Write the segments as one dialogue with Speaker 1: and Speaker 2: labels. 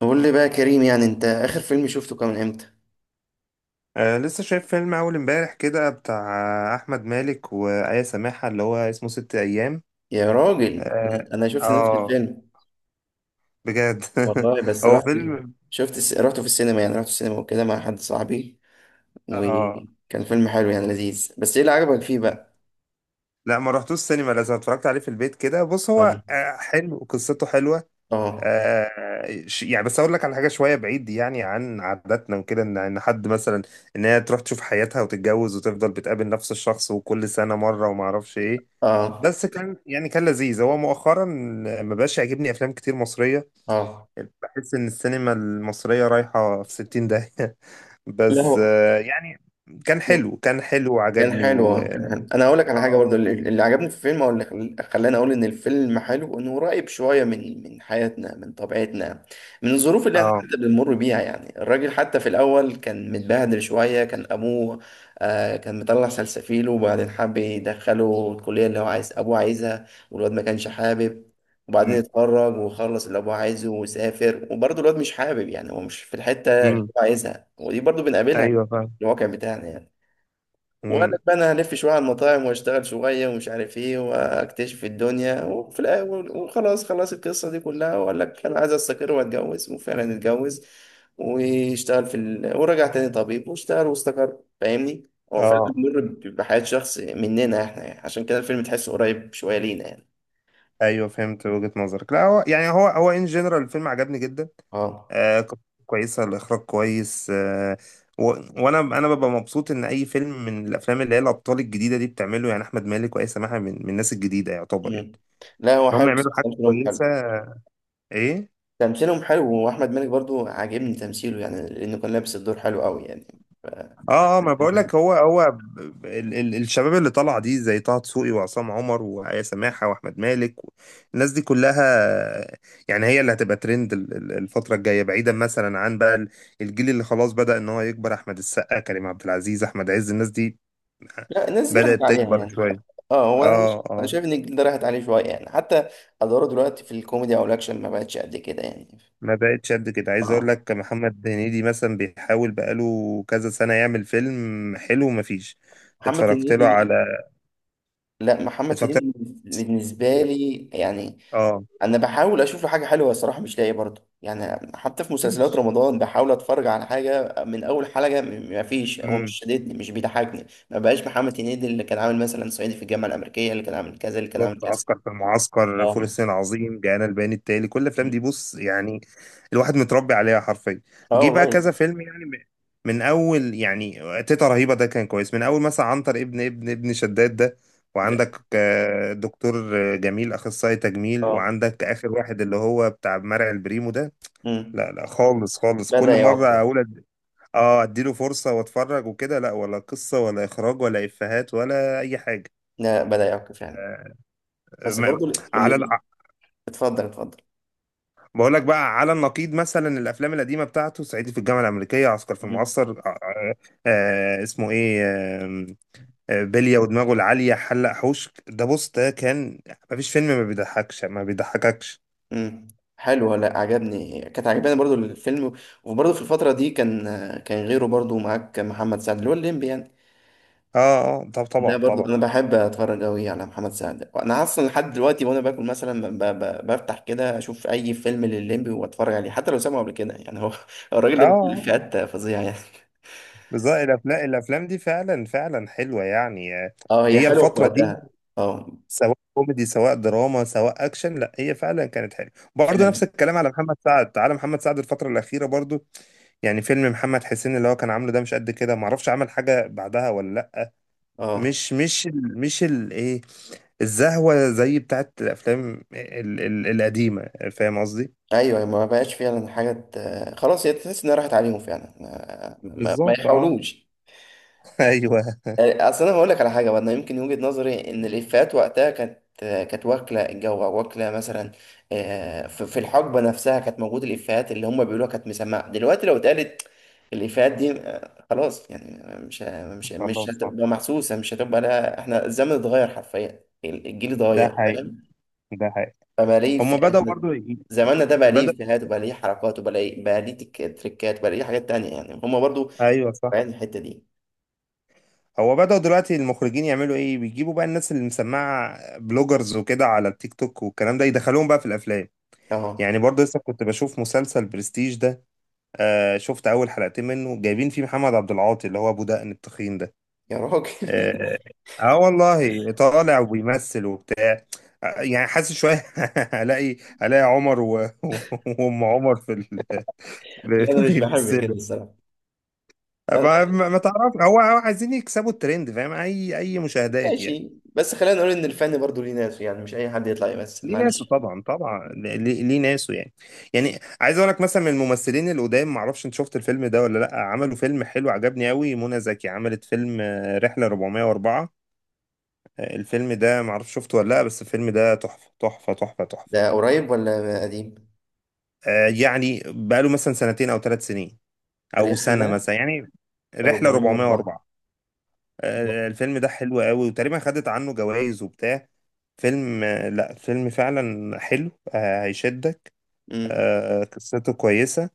Speaker 1: قول لي بقى يا كريم، يعني انت اخر فيلم شفته كان امتى؟
Speaker 2: آه، لسه شايف فيلم أول امبارح كده بتاع أحمد مالك وآية سماحة اللي هو اسمه ست أيام.
Speaker 1: يا راجل،
Speaker 2: آه,
Speaker 1: أنا شفت نفس
Speaker 2: آه,
Speaker 1: الفيلم.
Speaker 2: بجد.
Speaker 1: والله بس
Speaker 2: هو فيلم
Speaker 1: رحته في السينما، يعني رحت السينما وكده مع حد صاحبي،
Speaker 2: آه
Speaker 1: وكان فيلم حلو يعني لذيذ. بس ايه اللي عجبك فيه بقى؟
Speaker 2: لا، ما رحتوش السينما، لازم اتفرجت عليه في البيت كده. بص،
Speaker 1: اه.
Speaker 2: هو حلو، قصته حلوة.
Speaker 1: اه.
Speaker 2: يعني بس اقول لك على حاجه شويه بعيد يعني عن عاداتنا وكده، ان حد مثلا، ان هي تروح تشوف حياتها وتتجوز وتفضل بتقابل نفس الشخص وكل سنه مره وما اعرفش ايه.
Speaker 1: اه.
Speaker 2: بس كان يعني كان لذيذ. هو مؤخرا ما بقاش يعجبني افلام كتير مصريه.
Speaker 1: اه.
Speaker 2: بحس ان السينما المصريه رايحه في 60 داهيه.
Speaker 1: لا
Speaker 2: بس
Speaker 1: هو
Speaker 2: يعني كان حلو، كان حلو
Speaker 1: كان
Speaker 2: وعجبني
Speaker 1: حلو.
Speaker 2: و،
Speaker 1: كان حلو. انا هقول لك على حاجه،
Speaker 2: اه،
Speaker 1: برضو اللي عجبني في الفيلم، او اللي خلاني اقول ان الفيلم حلو، انه قريب شويه من حياتنا، من طبيعتنا، من الظروف اللي احنا
Speaker 2: اه.
Speaker 1: حتى بنمر بيها. يعني الراجل حتى في الاول كان متبهدل شويه، كان ابوه آه كان مطلع سلسفيله، وبعدين حب يدخله الكليه اللي هو عايز ابوه عايزها، والواد ما كانش حابب. وبعدين
Speaker 2: مم.
Speaker 1: اتخرج وخلص اللي ابوه عايزه، وسافر، وبرضه الواد مش حابب، يعني هو مش في الحته اللي
Speaker 2: مم.
Speaker 1: هو عايزها. ودي برضه بنقابلها
Speaker 2: ايوه فاهم.
Speaker 1: في الواقع بتاعنا يعني. وقال
Speaker 2: مم.
Speaker 1: لك بقى انا هلف شويه على المطاعم واشتغل شويه ومش عارف ايه، واكتشف الدنيا وفي الاول، وخلاص خلاص القصه دي كلها، وقال لك انا عايز استقر واتجوز، وفعلا اتجوز واشتغل في ال... ورجع تاني طبيب واشتغل واستقر، فاهمني؟ هو فعلا
Speaker 2: اه،
Speaker 1: بيمر بحياه شخص مننا احنا، يعني عشان كده الفيلم تحسه قريب شويه لينا يعني.
Speaker 2: ايوه فهمت وجهة نظرك. لا هو يعني هو ان جنرال الفيلم عجبني جدا.
Speaker 1: اه.
Speaker 2: آه، قصته كويسه، الاخراج كويس. آه و... وانا ببقى مبسوط ان اي فيلم من الافلام اللي هي الابطال الجديده دي بتعمله، يعني احمد مالك واي سماحه، من الناس الجديده، يعتبر يعني
Speaker 1: مم. لا هو
Speaker 2: ان هم
Speaker 1: حلو
Speaker 2: يعملوا
Speaker 1: بصراحة،
Speaker 2: حاجه
Speaker 1: تمثيلهم
Speaker 2: كويسه.
Speaker 1: حلو.
Speaker 2: ايه.
Speaker 1: تمثيلهم حلو، واحمد مالك برضو عاجبني تمثيله، يعني لانه كان لابس الدور حلو قوي يعني. ف...
Speaker 2: اه، اه، ما بقول لك هو ال الشباب اللي طالعه دي زي طه دسوقي وعصام عمر وآية سماحه واحمد مالك الناس دي كلها يعني هي اللي هتبقى ترند الفتره الجايه، بعيدا مثلا عن بقى الجيل اللي خلاص بدأ ان هو يكبر: احمد السقا، كريم عبد العزيز، احمد عز، الناس دي
Speaker 1: لا، الناس دي راحت
Speaker 2: بدأت
Speaker 1: عليها
Speaker 2: تكبر
Speaker 1: يعني.
Speaker 2: شويه.
Speaker 1: اه، هو انا
Speaker 2: اه،
Speaker 1: أنا
Speaker 2: اه،
Speaker 1: شايف ان الجيل ده راحت عليه شويه يعني، حتى ادواره دلوقتي في الكوميدي او الاكشن ما بقتش قد كده يعني.
Speaker 2: ما بقتش قد كده. عايز اقول
Speaker 1: اه.
Speaker 2: لك محمد هنيدي مثلا بيحاول بقاله كذا سنه يعمل فيلم حلو، مفيش.
Speaker 1: محمد
Speaker 2: اتفرجت له
Speaker 1: هنيدي.
Speaker 2: على،
Speaker 1: لا محمد
Speaker 2: اتفرجت
Speaker 1: هنيدي بالنسبه
Speaker 2: له،
Speaker 1: لي يعني،
Speaker 2: اه.
Speaker 1: انا بحاول اشوف له حاجه حلوه الصراحه مش لاقي برضه، يعني حتى في مسلسلات رمضان بحاول اتفرج على حاجه من اول حلقه ما فيش، هو مش
Speaker 2: امم،
Speaker 1: شاددني، مش بيضحكني، ما بقاش محمد هنيدي اللي كان عامل مثلا صعيدي في الجامعه الامريكيه، اللي كان عامل كذا، اللي كان عامل
Speaker 2: بالظبط:
Speaker 1: كذا.
Speaker 2: عسكر في المعسكر، فول
Speaker 1: اه.
Speaker 2: الصين العظيم، جاءنا البيان التالي، كل الافلام دي بص يعني الواحد متربي عليها حرفيا.
Speaker 1: اه
Speaker 2: جه بقى
Speaker 1: والله.
Speaker 2: كذا فيلم يعني من اول يعني تيتا رهيبه ده كان كويس، من اول مثلا عنتر ابن شداد ده،
Speaker 1: ده
Speaker 2: وعندك آه، دكتور آه، جميل اخصائي تجميل،
Speaker 1: اه.
Speaker 2: وعندك اخر واحد اللي هو بتاع مرعي البريمو ده.
Speaker 1: مم.
Speaker 2: لا خالص خالص،
Speaker 1: بدأ
Speaker 2: كل مره
Speaker 1: يعق.
Speaker 2: اقول اه، اديله فرصه واتفرج وكده، لا ولا قصه ولا اخراج ولا افيهات ولا اي حاجه.
Speaker 1: لا بدأ يعق فعلا. بس
Speaker 2: ما-
Speaker 1: برضو
Speaker 2: على،
Speaker 1: اللي... اتفضل اتفضل.
Speaker 2: بقول لك بقى على النقيض مثلا الافلام القديمه بتاعته: صعيدي في الجامعه الامريكيه، عسكر في
Speaker 1: مم.
Speaker 2: المعسكر، اسمه ايه، بليه ودماغه العاليه، حلق حوش، ده بص، ده كان مفيش فيلم ما بيضحكش ما بيضحككش.
Speaker 1: مم. حلو، لا عجبني، كانت عجباني برضو الفيلم. وبرضو في الفترة دي كان كان غيره برضو معاك محمد سعد اللي هو الليمبي يعني.
Speaker 2: اه، اه، طب طبعا
Speaker 1: ده برضو
Speaker 2: طبعا.
Speaker 1: انا بحب اتفرج قوي على محمد سعد، انا اصلا لحد دلوقتي وانا باكل مثلا بفتح كده اشوف اي فيلم للليمبي واتفرج عليه، حتى لو سامعه قبل كده، يعني هو هو
Speaker 2: اه،
Speaker 1: الراجل ده بيقول
Speaker 2: آه،
Speaker 1: افيهات فظيعة يعني.
Speaker 2: بالظبط. الافلام دي فعلا فعلا حلوه يعني. آه،
Speaker 1: اه، هي
Speaker 2: هي
Speaker 1: حلوة في
Speaker 2: الفتره دي
Speaker 1: وقتها. اه
Speaker 2: سواء كوميدي سواء دراما سواء اكشن، لا هي فعلا كانت حلوه. برضه
Speaker 1: فعلا.
Speaker 2: نفس الكلام على محمد سعد، تعالى محمد سعد الفتره الاخيره برضه، يعني فيلم محمد حسين اللي هو كان عامله ده مش قد كده، معرفش عمل حاجه بعدها ولا لا.
Speaker 1: اه.
Speaker 2: مش مش ال مش ال ايه، الزهوه زي بتاعت الافلام ال القديمه، فاهم قصدي.
Speaker 1: ايوه، ما بقاش فعلا حاجه خلاص، هي تحس انها راحت عليهم فعلا، ما ما
Speaker 2: بالظبط اه.
Speaker 1: يحاولوش.
Speaker 2: ايوه.
Speaker 1: اصل انا هقول لك على حاجه بقى، انا يمكن وجهه نظري ان الافيهات وقتها كانت كانت واكله الجو، أو واكله مثلا في الحقبه نفسها كانت موجوده، الافيهات اللي هم بيقولوها كانت مسمعه. دلوقتي لو اتقالت الافيهات دي خلاص يعني مش مش
Speaker 2: والله صح،
Speaker 1: هتبقى محسوسه، مش هتبقى، لا احنا الزمن اتغير حرفيا، الجيل
Speaker 2: ده
Speaker 1: اتغير.
Speaker 2: حقيقي، ده حقيقي.
Speaker 1: فبقى ليه في
Speaker 2: هما بدأوا برضو
Speaker 1: زماننا ده بقى ليه
Speaker 2: بدأ،
Speaker 1: إفيهات، وبقى ليه حركات، وبقى ليه بقى ليه تريكات، وبقى ليه حاجات تانية يعني، هما برضو
Speaker 2: ايوه صح.
Speaker 1: بعين الحتة دي.
Speaker 2: هو بدأوا دلوقتي المخرجين يعملوا ايه، بيجيبوا بقى الناس اللي مسمعة، بلوجرز وكده على التيك توك والكلام ده، يدخلوهم بقى في الافلام.
Speaker 1: اه.
Speaker 2: يعني برضه لسه كنت بشوف مسلسل برستيج ده. آه، شفت اول حلقتين منه، جايبين فيه محمد عبد العاطي اللي هو ابو دقن التخين ده.
Speaker 1: يا راجل!
Speaker 2: اه, آه والله طالع وبيمثل وبتاع. آه، يعني حاسس شوية. هلاقي عمر و... وام عمر في ال...
Speaker 1: لا أنا مش بحب كده
Speaker 2: بيمثلوا.
Speaker 1: الصراحة.
Speaker 2: ما,
Speaker 1: أنا-
Speaker 2: ما ما تعرف، هو عايزين يكسبوا الترند، فاهم، اي مشاهدات يعني.
Speaker 1: ماشي، بس خلينا نقول إن الفن برضو ليه ناس يعني، مش أي حد يطلع يمثل،
Speaker 2: ليه ناسه
Speaker 1: معلش.
Speaker 2: طبعا طبعا. ليه، ليه ناسه يعني. يعني عايز اقول لك مثلا من الممثلين القدام، ما اعرفش انت شفت الفيلم ده ولا لا، عملوا فيلم حلو عجبني قوي، منى زكي عملت فيلم آه، رحلة 404. آه، الفيلم ده ما اعرفش شفته ولا لا، بس الفيلم ده تحفة تحفة تحفة تحفة.
Speaker 1: ده قريب ولا قديم؟
Speaker 2: آه، يعني بقاله مثلا سنتين او ثلاث سنين او سنة
Speaker 1: رحلة
Speaker 2: مثلا يعني. رحلة
Speaker 1: 404.
Speaker 2: 404. آه، الفيلم ده حلو قوي، وتقريبا خدت عنه جوائز وبتاع. فيلم آه، لا فيلم فعلا حلو، آه، هيشدك.
Speaker 1: امم.
Speaker 2: آه، قصته كويسة.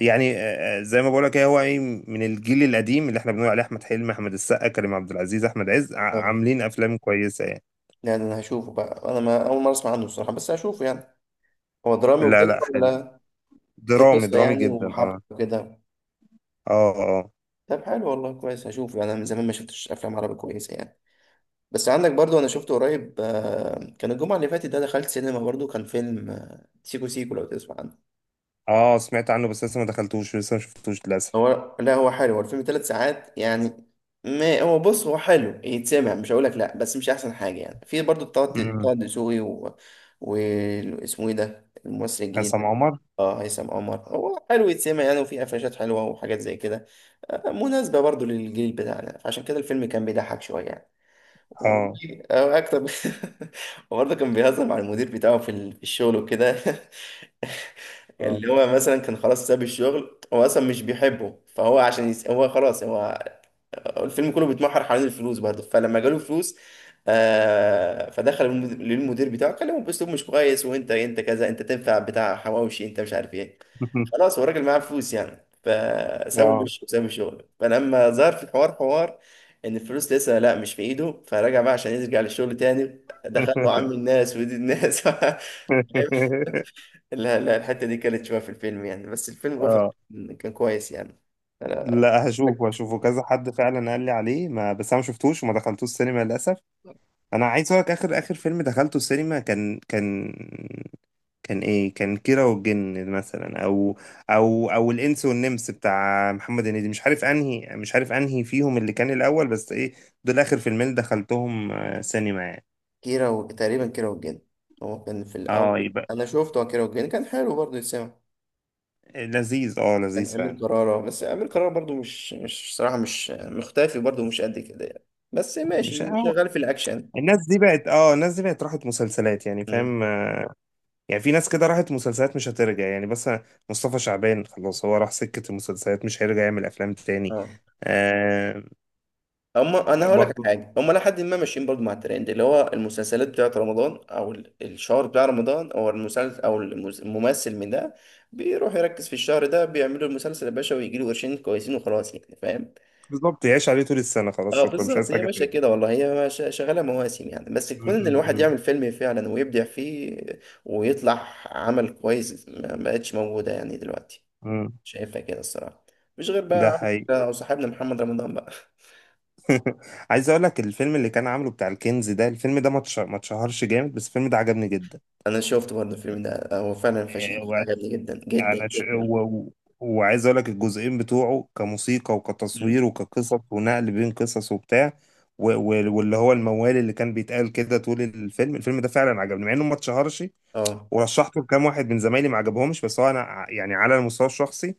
Speaker 2: يعني آه، آه، زي ما بقولك، هي هو ايه، من الجيل القديم اللي احنا بنقول عليه احمد حلمي، احمد السقا، كريم عبد العزيز، احمد عز،
Speaker 1: اه.
Speaker 2: عاملين افلام كويسه يعني.
Speaker 1: يعني أنا هشوفه بقى، أنا ما... أول مرة أسمع عنه الصراحة، بس هشوفه يعني. هو درامي
Speaker 2: لا
Speaker 1: وكده
Speaker 2: لا حلو،
Speaker 1: ولا؟ في
Speaker 2: درامي
Speaker 1: قصة
Speaker 2: درامي
Speaker 1: يعني
Speaker 2: جدا
Speaker 1: وحبكة
Speaker 2: اه.
Speaker 1: وكده؟
Speaker 2: اه، اه،
Speaker 1: طب حلو والله، كويس. هشوف، انا من زمان ما شفتش افلام عربي كويسه يعني. بس عندك برضو، انا شفته قريب كان الجمعه اللي فاتت ده دخلت سينما، برضو كان فيلم سيكو سيكو، لو تسمع عنه.
Speaker 2: اه، سمعت عنه بس لسه ما دخلتوش، لسه ما شفتوش للاسف.
Speaker 1: هو لا هو حلو، هو الفيلم ثلاث ساعات يعني. ما هو بص، هو حلو يتسمع، مش هقولك لا، بس مش احسن حاجه يعني. في برضو طه،
Speaker 2: امم.
Speaker 1: طه دسوقي و... واسمه ايه ده الممثل الجديد
Speaker 2: عصام
Speaker 1: ده؟
Speaker 2: عمر.
Speaker 1: اه هيثم عمر. هو حلو يتسمع يعني، وفي قفشات حلوه وحاجات زي كده، مناسبه برضو للجيل بتاعنا عشان كده الفيلم كان بيضحك شويه يعني.
Speaker 2: اه،
Speaker 1: او اكتر وبرضه كان بيهزر مع المدير بتاعه في في الشغل وكده. يعني
Speaker 2: اه.
Speaker 1: اللي هو مثلا كان خلاص ساب الشغل، هو اصلا مش بيحبه، فهو عشان يس... هو خلاص هو الفيلم كله بيتمحور حوالين الفلوس برضه. فلما جاله فلوس آه فدخل للمدير بتاعه كلمه باسلوب مش كويس، وانت انت كذا، انت تنفع بتاع حواوشي، انت مش عارف ايه، خلاص هو الراجل معاه فلوس يعني فسوي
Speaker 2: اه.
Speaker 1: وشه وسوي شغله. فلما ظهر في الحوار، حوار ان الفلوس لسه لا مش في ايده، فرجع بقى عشان يرجع للشغل تاني، دخل له عم الناس ودي الناس. لا لا الحته دي كانت شويه في الفيلم يعني، بس الفيلم اوفر
Speaker 2: اه،
Speaker 1: كان كويس يعني.
Speaker 2: لا هشوفه هشوفه، كذا حد فعلا قال لي عليه، ما بس انا ما شفتوش وما دخلتوش السينما للاسف. انا عايز اقول لك اخر فيلم دخلته السينما كان، كان، كان ايه، كان كيرة والجن مثلا، او او الانس والنمس بتاع محمد هنيدي، مش عارف انهي، مش عارف انهي فيهم اللي كان الاول، بس ايه، دول اخر فيلمين دخلتهم آه، سينما يعني.
Speaker 1: كيرة و... تقريبا كيرة والجن. هو كان في
Speaker 2: اه،
Speaker 1: الاول
Speaker 2: يبقى
Speaker 1: انا شفته، كيرة والجن كان حلو برضه يتسمع.
Speaker 2: لذيذ، اه
Speaker 1: كان
Speaker 2: لذيذ
Speaker 1: امير
Speaker 2: فعلا.
Speaker 1: كرارة، بس امير كرارة برضه مش صراحه مش مختفي برضه مش قد كده يعني، بس
Speaker 2: مش
Speaker 1: ماشي
Speaker 2: أو
Speaker 1: شغال في الاكشن.
Speaker 2: الناس دي بقت اه، الناس دي بقت راحت مسلسلات يعني، فاهم. آه، يعني في ناس كده راحت مسلسلات مش هترجع يعني. بس مصطفى شعبان خلاص هو راح سكة المسلسلات مش هيرجع يعمل افلام تاني.
Speaker 1: اه.
Speaker 2: آه.
Speaker 1: هم انا هقول لك على
Speaker 2: برضو
Speaker 1: حاجه، هم لحد ما ماشيين برضو مع الترند اللي هو المسلسلات بتاعت رمضان، او الشهر بتاع رمضان، او المسلسل او الممثل من ده بيروح يركز في الشهر ده، بيعملوا المسلسل يا باشا، ويجي له قرشين كويسين وخلاص، يعني فاهم.
Speaker 2: بالظبط، يعيش عليه طول السنة خلاص،
Speaker 1: اه
Speaker 2: شكرا مش
Speaker 1: بالظبط،
Speaker 2: عايز
Speaker 1: هي
Speaker 2: حاجة
Speaker 1: ماشيه
Speaker 2: تاني.
Speaker 1: كده والله، هي شغاله مواسم يعني، بس
Speaker 2: م-
Speaker 1: كون ان الواحد
Speaker 2: م-
Speaker 1: يعمل فيلم فعلا ويبدع فيه ويطلع عمل كويس ما ما بقتش موجوده يعني دلوقتي.
Speaker 2: م.
Speaker 1: شايفها كده الصراحه. مش غير بقى
Speaker 2: ده حقيقي.
Speaker 1: او صاحبنا محمد رمضان بقى.
Speaker 2: عايز اقول لك الفيلم اللي كان عامله بتاع الكنز ده، الفيلم ده ما اتشهرش جامد، بس الفيلم ده عجبني جدا.
Speaker 1: انا شفت برضه الفيلم ده، هو فعلا فشيخ،
Speaker 2: آه، وعش-
Speaker 1: عجبني جدا جدا
Speaker 2: انا ش...
Speaker 1: جدا.
Speaker 2: و... و- وعايز اقول لك الجزئين بتوعه كموسيقى وكتصوير
Speaker 1: مم.
Speaker 2: وكقصص ونقل بين قصص وبتاع، واللي هو الموال اللي كان بيتقال كده طول الفيلم، الفيلم ده فعلا عجبني مع انه ما اتشهرش.
Speaker 1: اه.
Speaker 2: ورشحته لكام واحد من زمايلي ما عجبهمش، بس هو انا يعني على المستوى الشخصي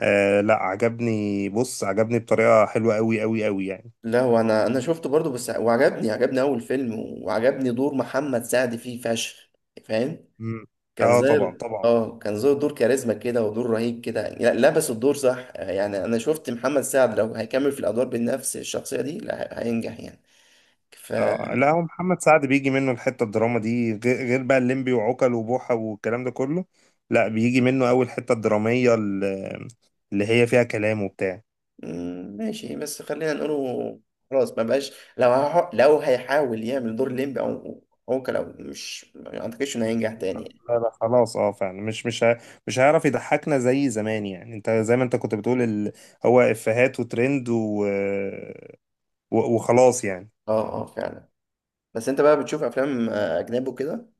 Speaker 2: آه لا عجبني، بص عجبني بطريقة حلوة قوي قوي قوي يعني.
Speaker 1: لا وانا شفته برضه بس، وعجبني، عجبني اول فيلم. وعجبني دور محمد سعد فيه فشخ، فاهم؟
Speaker 2: مم.
Speaker 1: كان
Speaker 2: اه
Speaker 1: زي
Speaker 2: طبعا طبعا.
Speaker 1: اه كان زي دور كاريزما كده، ودور رهيب كده، لبس الدور صح، يعني انا شفت محمد سعد لو هيكمل في الادوار بنفس الشخصيه دي، لا هي- هينجح يعني. ف
Speaker 2: آه لا، هو محمد سعد بيجي منه الحته الدراما دي، غير بقى الليمبي وعوكل وبوحه والكلام ده كله. لا بيجي منه اول حته الدراميه اللي هي فيها كلام وبتاع.
Speaker 1: مم، ماشي، بس خلينا نقوله خلاص ما بقاش، لو لو هيحاول يعمل دور ليمبي او عوكل او مش، ما اعتقدش انه هينجح تاني يعني.
Speaker 2: لا لا خلاص اه فعلا، مش هيعرف يضحكنا زي زمان يعني. انت زي ما انت كنت بتقول ال... هو افيهات وترند و... وخلاص يعني.
Speaker 1: اه اه فعلا. بس انت بقى بتشوف افلام اجنبي وكده؟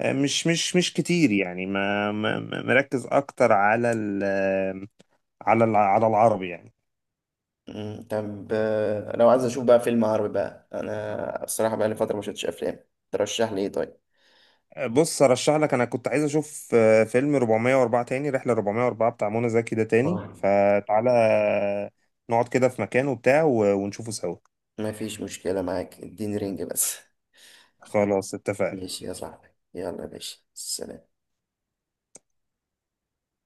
Speaker 2: آه، مش كتير يعني، مركز اكتر على ال... على ال... على العربي يعني.
Speaker 1: مم، طب لو عايز اشوف بقى فيلم عربي بقى، انا الصراحه بقى لي فتره ما شفتش افلام، ترشح لي ايه طيب؟
Speaker 2: بص ارشح لك، انا كنت عايز اشوف آه، فيلم 404 تاني، رحله 404 بتاع منى زكي ده، تاني
Speaker 1: اه.
Speaker 2: فتعالى نقعد كده في مكان وبتاع ونشوفه سوا.
Speaker 1: ما فيش مشكله معاك، اديني رينج بس.
Speaker 2: خلاص اتفقنا.
Speaker 1: ماشي يا صاحبي. يلا يا باشا، سلام.